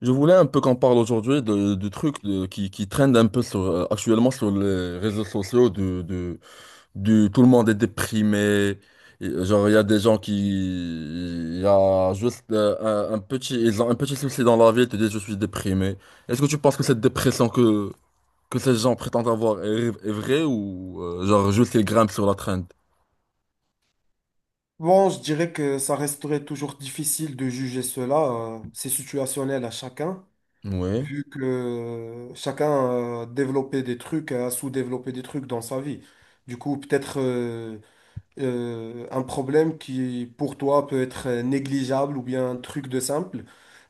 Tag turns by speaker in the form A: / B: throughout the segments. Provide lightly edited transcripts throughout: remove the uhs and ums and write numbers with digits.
A: Je voulais un peu qu'on parle aujourd'hui de trucs qui traînent un peu sur, actuellement sur les réseaux sociaux, tout le monde est déprimé. Et, genre, il y a des gens il y a juste ils ont un petit souci dans la vie et te disent je suis déprimé. Est-ce que tu penses que cette dépression que ces gens prétendent avoir est vraie ou genre juste ils grimpent sur la traîne?
B: Bon, je dirais que ça resterait toujours difficile de juger cela. C'est situationnel à chacun,
A: Oui,
B: vu que chacun a développé des trucs, a sous-développé des trucs dans sa vie. Du coup, peut-être un problème qui, pour toi, peut être négligeable ou bien un truc de simple,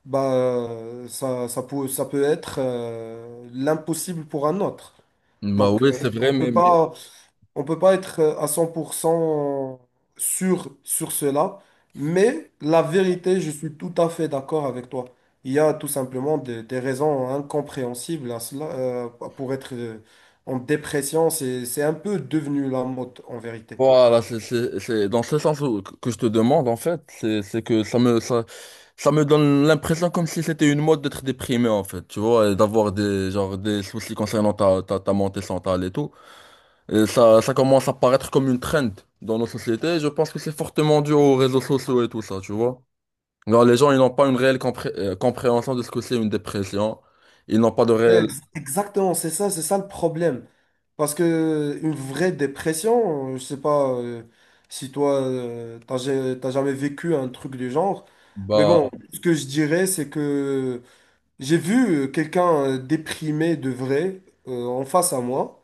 B: bah, ça peut être l'impossible pour un autre.
A: bah
B: Donc,
A: oui, c'est vrai,
B: on
A: mais,
B: peut
A: mais
B: pas on peut pas être à 100% sûr sur cela, mais la vérité, je suis tout à fait d'accord avec toi. Il y a tout simplement des raisons incompréhensibles à cela. Pour être en dépression, c'est un peu devenu la mode en vérité.
A: voilà, c'est dans ce sens que je te demande en fait, c'est que ça me donne l'impression comme si c'était une mode d'être déprimé en fait, tu vois, et d'avoir des genre des soucis concernant ta, ta santé mentale et tout. Et ça commence à paraître comme une trend dans nos sociétés. Je pense que c'est fortement dû aux réseaux sociaux et tout ça, tu vois. Genre, les gens, ils n'ont pas une réelle compréhension de ce que c'est une dépression. Ils n'ont pas de
B: Mais
A: réelle.
B: ex- Exactement, c'est ça le problème. Parce que une vraie dépression, je sais pas si toi, t'as jamais vécu un truc du genre, mais
A: Bah,
B: bon, ce que je dirais, c'est que j'ai vu quelqu'un déprimé de vrai en face à moi.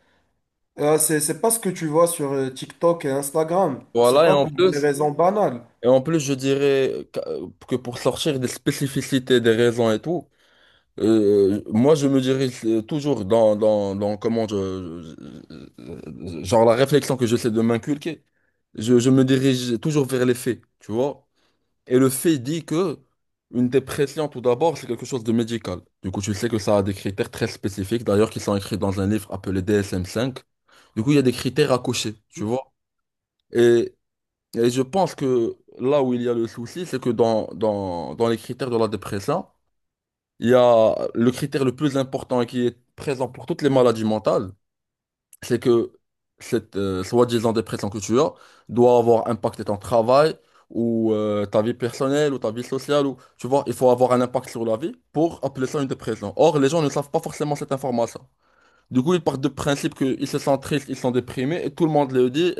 B: C'est pas ce que tu vois sur TikTok et Instagram. C'est
A: voilà, et
B: pas
A: en
B: pour des
A: plus,
B: raisons banales.
A: et en plus, je dirais que pour sortir des spécificités des raisons et tout. Moi, je me dirige toujours dans comment genre la réflexion que j'essaie de m'inculquer. Je me dirige toujours vers les faits, tu vois. Et le fait dit que une dépression, tout d'abord, c'est quelque chose de médical. Du coup, tu sais que ça a des critères très spécifiques, d'ailleurs, qui sont écrits dans un livre appelé DSM-5. Du coup, il y a des critères à cocher, tu vois. Et, et je pense que là où il y a le souci, c'est que dans les critères de la dépression, il y a le critère le plus important et qui est présent pour toutes les maladies mentales, c'est que cette soi-disant dépression que tu as doit avoir impacté ton travail ou ta vie personnelle ou ta vie sociale. Ou, tu vois, il faut avoir un impact sur la vie pour appeler ça une dépression. Or, les gens ne savent pas forcément cette information. Du coup, ils partent de principe qu'ils se sentent tristes, ils sont déprimés et tout le monde le dit.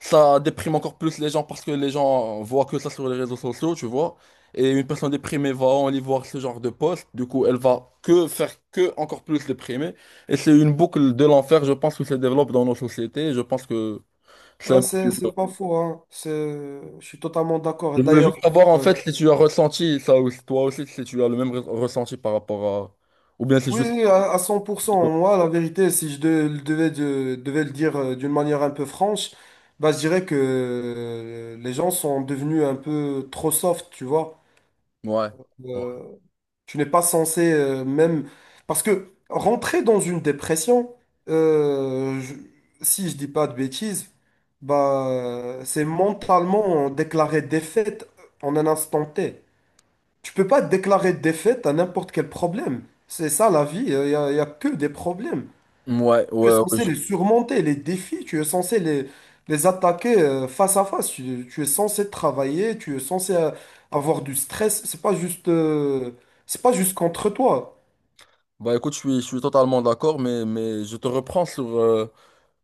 A: Ça déprime encore plus les gens parce que les gens voient que ça sur les réseaux sociaux, tu vois. Et une personne déprimée va aller voir ce genre de post. Du coup, elle va que faire que encore plus déprimée. Et c'est une boucle de l'enfer, je pense, qui se développe dans nos sociétés. Je pense que c'est
B: Ah,
A: un
B: c'est,
A: peu dur.
B: c'est pas faux, hein. Je suis totalement d'accord.
A: Je voulais juste
B: D'ailleurs,
A: savoir, en
B: euh,
A: fait, si tu as ressenti ça aussi, toi aussi, si tu as le même ressenti par rapport à. Ou bien c'est
B: oui,
A: juste.
B: oui, à 100%,
A: Ouais.
B: moi, la vérité, si je devais le dire d'une manière un peu franche, bah, je dirais que les gens sont devenus un peu trop soft, tu vois.
A: Ouais.
B: Euh, Tu n'es pas censé même... Parce que rentrer dans une dépression, euh, je- si je dis pas de bêtises, bah, c'est mentalement déclarer défaite en un instant T. Tu peux pas déclarer défaite à n'importe quel problème. C'est ça la vie, y a que des problèmes.
A: Ouais,
B: Tu es
A: ouais, ouais,
B: censé
A: je-
B: les surmonter, les défis, tu es censé les attaquer face à face. Tu es censé travailler, tu es censé avoir du stress. C'est pas juste contre toi.
A: Bah écoute, je suis totalement d'accord, mais je te reprends sur, euh,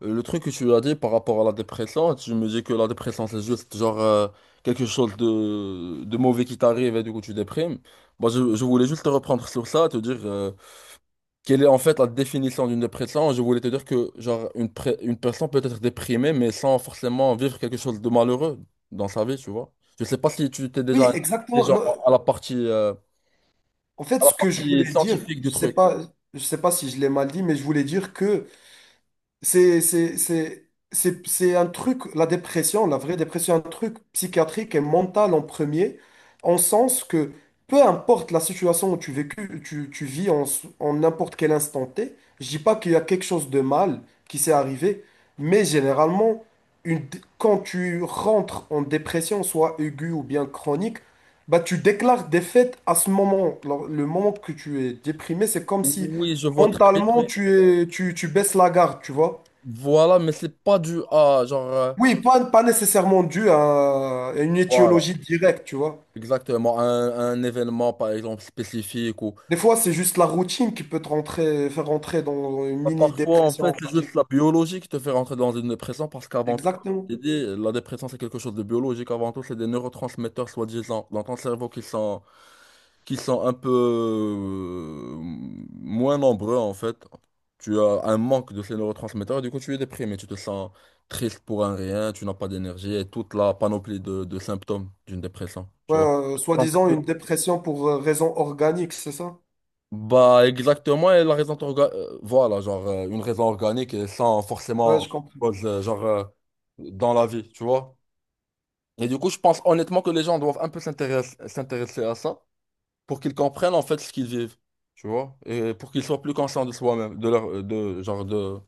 A: Euh, le truc que tu as dit par rapport à la dépression, tu me dis que la dépression c'est juste genre quelque chose de mauvais qui t'arrive et du coup tu déprimes. Moi je voulais juste te reprendre sur ça, te dire quelle est en fait la définition d'une dépression. Je voulais te dire que genre une personne peut être déprimée mais sans forcément vivre quelque chose de malheureux dans sa vie, tu vois. Je sais pas si tu t'es déjà
B: Oui,
A: intéressé,
B: exactement.
A: genre,
B: Non,
A: à la partie, euh,
B: en fait,
A: à la
B: ce que je
A: partie
B: voulais dire,
A: scientifique
B: je
A: du
B: sais
A: truc.
B: pas, si je l'ai mal dit, mais je voulais dire que c'est, c'est, c'est, c'est un truc, la dépression, la vraie dépression, un truc psychiatrique et mental en premier, en sens que peu importe la situation où tu vis en, en n'importe quel instant T, je dis pas qu'il y a quelque chose de mal qui s'est arrivé, mais généralement, quand tu rentres en dépression, soit aiguë ou bien chronique, bah tu déclares défaite à ce moment. Alors, le moment que tu es déprimé, c'est comme si
A: Oui, je vois très bien,
B: mentalement
A: mais
B: tu baisses la garde, tu vois.
A: voilà, mais c'est pas dû à genre. euh,
B: Oui, pas nécessairement dû à une
A: voilà.
B: étiologie directe, tu vois.
A: Exactement, un événement par exemple spécifique ou.
B: Des fois, c'est juste la routine qui peut te rentrer, faire rentrer dans une
A: Bah, parfois en fait
B: mini-dépression, on
A: c'est
B: va dire.
A: juste la biologie qui te fait rentrer dans une dépression parce qu'avant tout, comme
B: Exactement.
A: je t'ai dit, la dépression c'est quelque chose de biologique, avant tout c'est des neurotransmetteurs soi-disant dans ton cerveau qui sont un peu moins nombreux en fait. Tu as un manque de ces neurotransmetteurs et du coup tu es déprimé, tu te sens triste pour un rien, tu n'as pas d'énergie et toute la panoplie de symptômes d'une dépression, tu
B: Ouais,
A: vois. En fait,
B: soi-disant une dépression pour raison organique, c'est ça?
A: bah, exactement, et la raison voilà, genre une raison organique et sans
B: Ouais, je
A: forcément
B: comprends.
A: cause, dans la vie, tu vois. Et du coup, je pense honnêtement que les gens doivent un peu s'intéresser à ça pour qu'ils comprennent en fait ce qu'ils vivent, tu vois, et pour qu'ils soient plus conscients de soi-même, de leur de genre de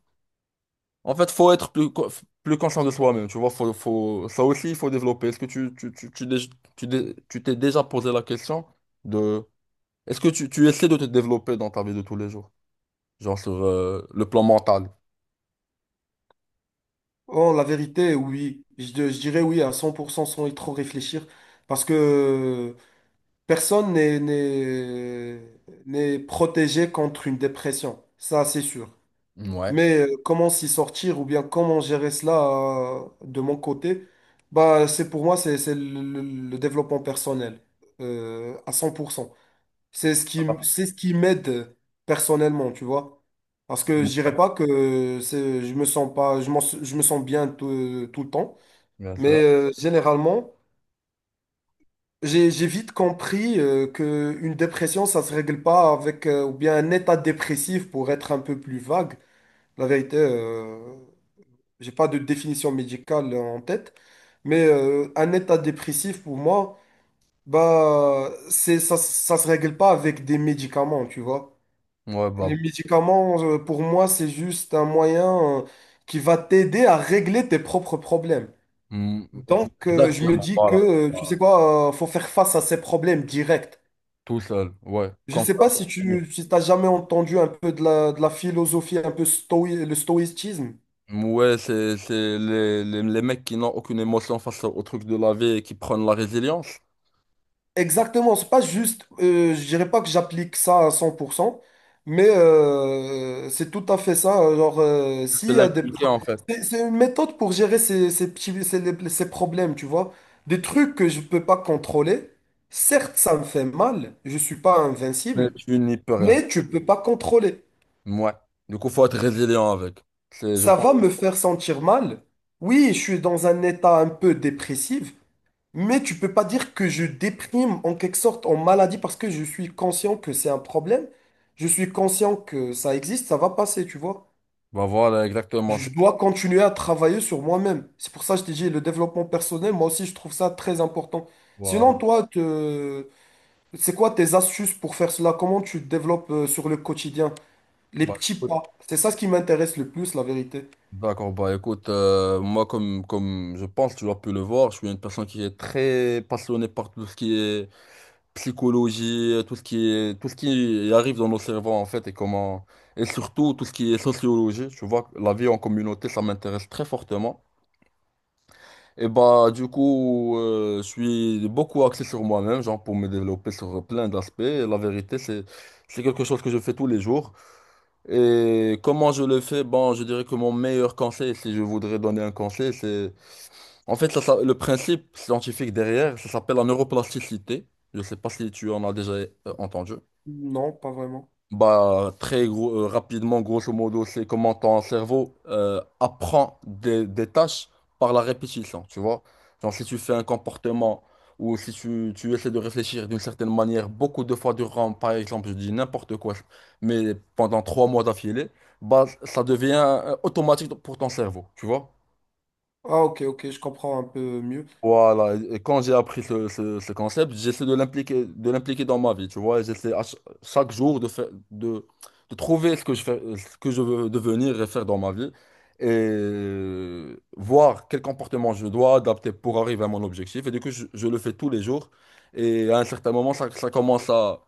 A: En fait, faut être plus conscient de soi-même, tu vois, faut ça aussi il faut développer. Est-ce que tu t'es déjà posé la question de est-ce que tu essaies de te développer dans ta vie de tous les jours? Genre sur le plan mental.
B: Oh, la vérité, oui. Je dirais oui à 100% sans y trop réfléchir. Parce que personne n'est protégé contre une dépression. Ça, c'est sûr.
A: Ouais.
B: Mais comment s'y sortir ou bien comment gérer cela de mon côté, bah, c'est pour moi, le développement personnel à 100%. C'est ce qui m'aide personnellement, tu vois. Parce que je dirais
A: Ouais.
B: pas que c'est, je me sens pas, je me sens bien tout, tout le temps.
A: Bien
B: Mais
A: sûr.
B: généralement, j'ai vite compris que une dépression, ça se règle pas avec, ou bien un état dépressif pour être un peu plus vague. La vérité. J'ai pas de définition médicale en tête, mais un état dépressif pour moi, bah c'est ça, ça se règle pas avec des médicaments, tu vois.
A: Ouais, bah.
B: Les médicaments, pour moi, c'est juste un moyen qui va t'aider à régler tes propres problèmes.
A: Mm,
B: Donc, je me
A: exactement,
B: dis que,
A: voilà.
B: tu
A: Voilà.
B: sais quoi, faut faire face à ces problèmes directs.
A: Tout seul, ouais.
B: Je
A: Comme
B: sais
A: ça.
B: pas si t'as jamais entendu un peu de la philosophie, le stoïcisme.
A: Ouais, c'est les mecs qui n'ont aucune émotion face au truc de la vie et qui prennent la résilience.
B: Exactement, c'est pas juste, je dirais pas que j'applique ça à 100%, mais c'est tout à fait ça. Genre,
A: C'est
B: s'il y a des...
A: l'inculquer en fait.
B: C'est une méthode pour gérer ces petits, ces problèmes, tu vois. Des trucs que je peux pas contrôler, certes, ça me fait mal, je suis pas
A: Mais
B: invincible,
A: tu n'y peux rien.
B: mais tu peux pas contrôler.
A: Ouais. Du coup, faut être résilient avec. C'est, je
B: Ça
A: pense.
B: va me faire sentir mal. Oui, je suis dans un état un peu dépressif, mais tu peux pas dire que je déprime en quelque sorte en maladie parce que je suis conscient que c'est un problème. Je suis conscient que ça existe, ça va passer, tu vois.
A: Bah voilà, exactement.
B: Je dois continuer à travailler sur moi-même. C'est pour ça que je t'ai dit le développement personnel, moi aussi je trouve ça très important. Sinon,
A: Voilà.
B: toi, c'est quoi tes astuces pour faire cela? Comment tu te développes sur le quotidien? Les
A: Bah,
B: petits pas. C'est ça ce qui m'intéresse le plus, la vérité.
A: d'accord, bah écoute, moi comme je pense, tu as pu le voir, je suis une personne qui est très passionnée par tout ce qui est psychologie, tout ce qui est, tout ce qui arrive dans nos cerveaux en fait et comment, et surtout tout ce qui est sociologie, tu vois, la vie en communauté, ça m'intéresse très fortement. Et bah du coup, je suis beaucoup axé sur moi-même, genre pour me développer sur plein d'aspects. Et la vérité, c'est quelque chose que je fais tous les jours. Et comment je le fais? Bon, je dirais que mon meilleur conseil, si je voudrais donner un conseil, c'est en fait ça, le principe scientifique derrière, ça s'appelle la neuroplasticité. Je sais pas si tu en as déjà entendu.
B: Non, pas vraiment.
A: Bah, très gros, rapidement, grosso modo, c'est comment ton cerveau apprend des tâches par la répétition, tu vois. Genre, si tu fais un comportement ou si tu essaies de réfléchir d'une certaine manière beaucoup de fois durant, par exemple, je dis n'importe quoi, mais pendant 3 mois d'affilée, bah, ça devient automatique pour ton cerveau, tu vois.
B: Ah, ok, ok, je comprends un peu mieux.
A: Voilà, et quand j'ai appris ce concept, j'essaie de l'impliquer, dans ma vie, tu vois, j'essaie chaque jour de faire, de trouver ce que je fais, ce que je veux devenir et faire dans ma vie, et voir quel comportement je dois adapter pour arriver à mon objectif, et du coup, je le fais tous les jours, et à un certain moment, ça commence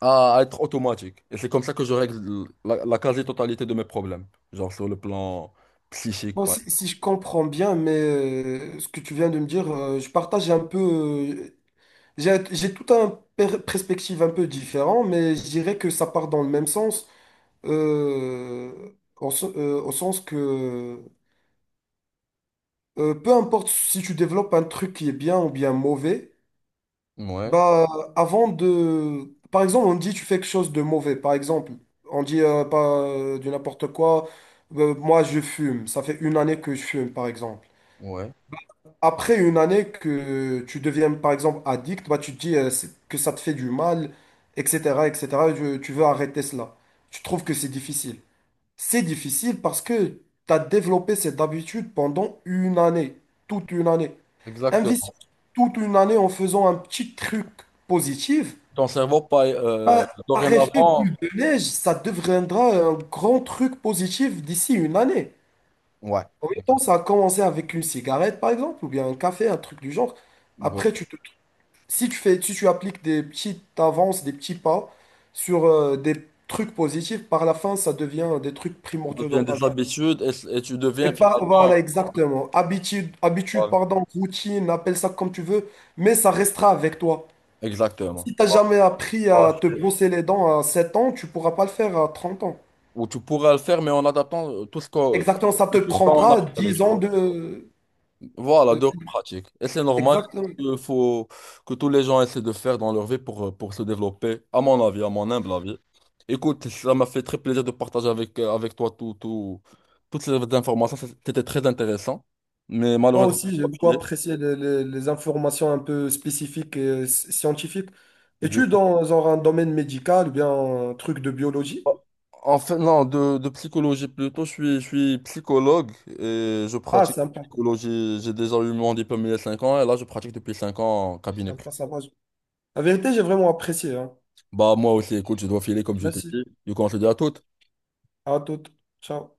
A: à être automatique, et c'est comme ça que je règle la quasi-totalité de mes problèmes, genre sur le plan psychique,
B: Bon,
A: par
B: si
A: exemple.
B: je comprends bien, mais ce que tu viens de me dire, je partage un peu. J'ai tout un perspective un peu différent, mais je dirais que ça part dans le même sens, euh, au sens que peu importe si tu développes un truc qui est bien ou bien mauvais,
A: Ouais,
B: bah avant de, par exemple, on dit tu fais quelque chose de mauvais, par exemple, on dit pas du n'importe quoi, moi je fume, ça fait une année que je fume, par exemple.
A: ouais,
B: Après une année que tu deviens par exemple addict, bah, tu te dis que ça te fait du mal, etc., etc. Tu veux arrêter cela. Tu trouves que c'est difficile. C'est difficile parce que tu as développé cette habitude pendant une année, toute une année. Investir
A: exactement.
B: toute une année en faisant un petit truc positif,
A: Ton cerveau, pas,
B: bah, par effet
A: dorénavant.
B: boule de neige, ça deviendra un grand truc positif d'ici une année.
A: Ouais,
B: En même temps,
A: exactement.
B: ça a commencé avec une cigarette, par exemple, ou bien un café, un truc du genre.
A: Bon.
B: Après, tu te... si tu appliques des petites avances, des petits pas sur des trucs positifs, par la fin, ça devient des trucs
A: Ça
B: primordiaux dans
A: devient
B: ta vie.
A: des habitudes et tu deviens finalement.
B: Voilà, exactement. Habitude,
A: Voilà.
B: pardon, routine, appelle ça comme tu veux, mais ça restera avec toi.
A: Exactement.
B: Si t'as jamais appris
A: Voilà.
B: à te brosser les dents à 7 ans, tu pourras pas le faire à 30 ans.
A: Ou tu pourrais le faire, mais en adaptant tout ce qu'on
B: Exactement, ça te
A: tout on a
B: prendra
A: parlé,
B: 10
A: tu
B: ans
A: vois.
B: de...
A: Voilà, de pratique. Et c'est normal
B: Exactement.
A: il faut que tous les gens essaient de faire dans leur vie pour se développer, à mon avis, à mon humble avis. Écoute, ça m'a fait très plaisir de partager avec, avec toi tout, toutes ces informations. C'était très intéressant, mais
B: Moi
A: malheureusement.
B: aussi, j'ai beaucoup apprécié les informations un peu spécifiques et scientifiques.
A: Du
B: Es-tu
A: coup,
B: dans, genre, un domaine médical ou bien un truc de biologie?
A: oh, en fait non, de psychologie plutôt, je suis psychologue et je
B: Ah,
A: pratique la
B: sympa,
A: psychologie. J'ai déjà eu mon diplôme il y a 5 ans et là, je pratique depuis 5 ans en cabinet privé.
B: sympa, sympa. La vérité, j'ai vraiment apprécié, hein.
A: Bah, moi aussi, écoute, je dois filer comme je t'ai
B: Merci.
A: dit. Du coup, on se dit à toutes.
B: À toute. Ciao.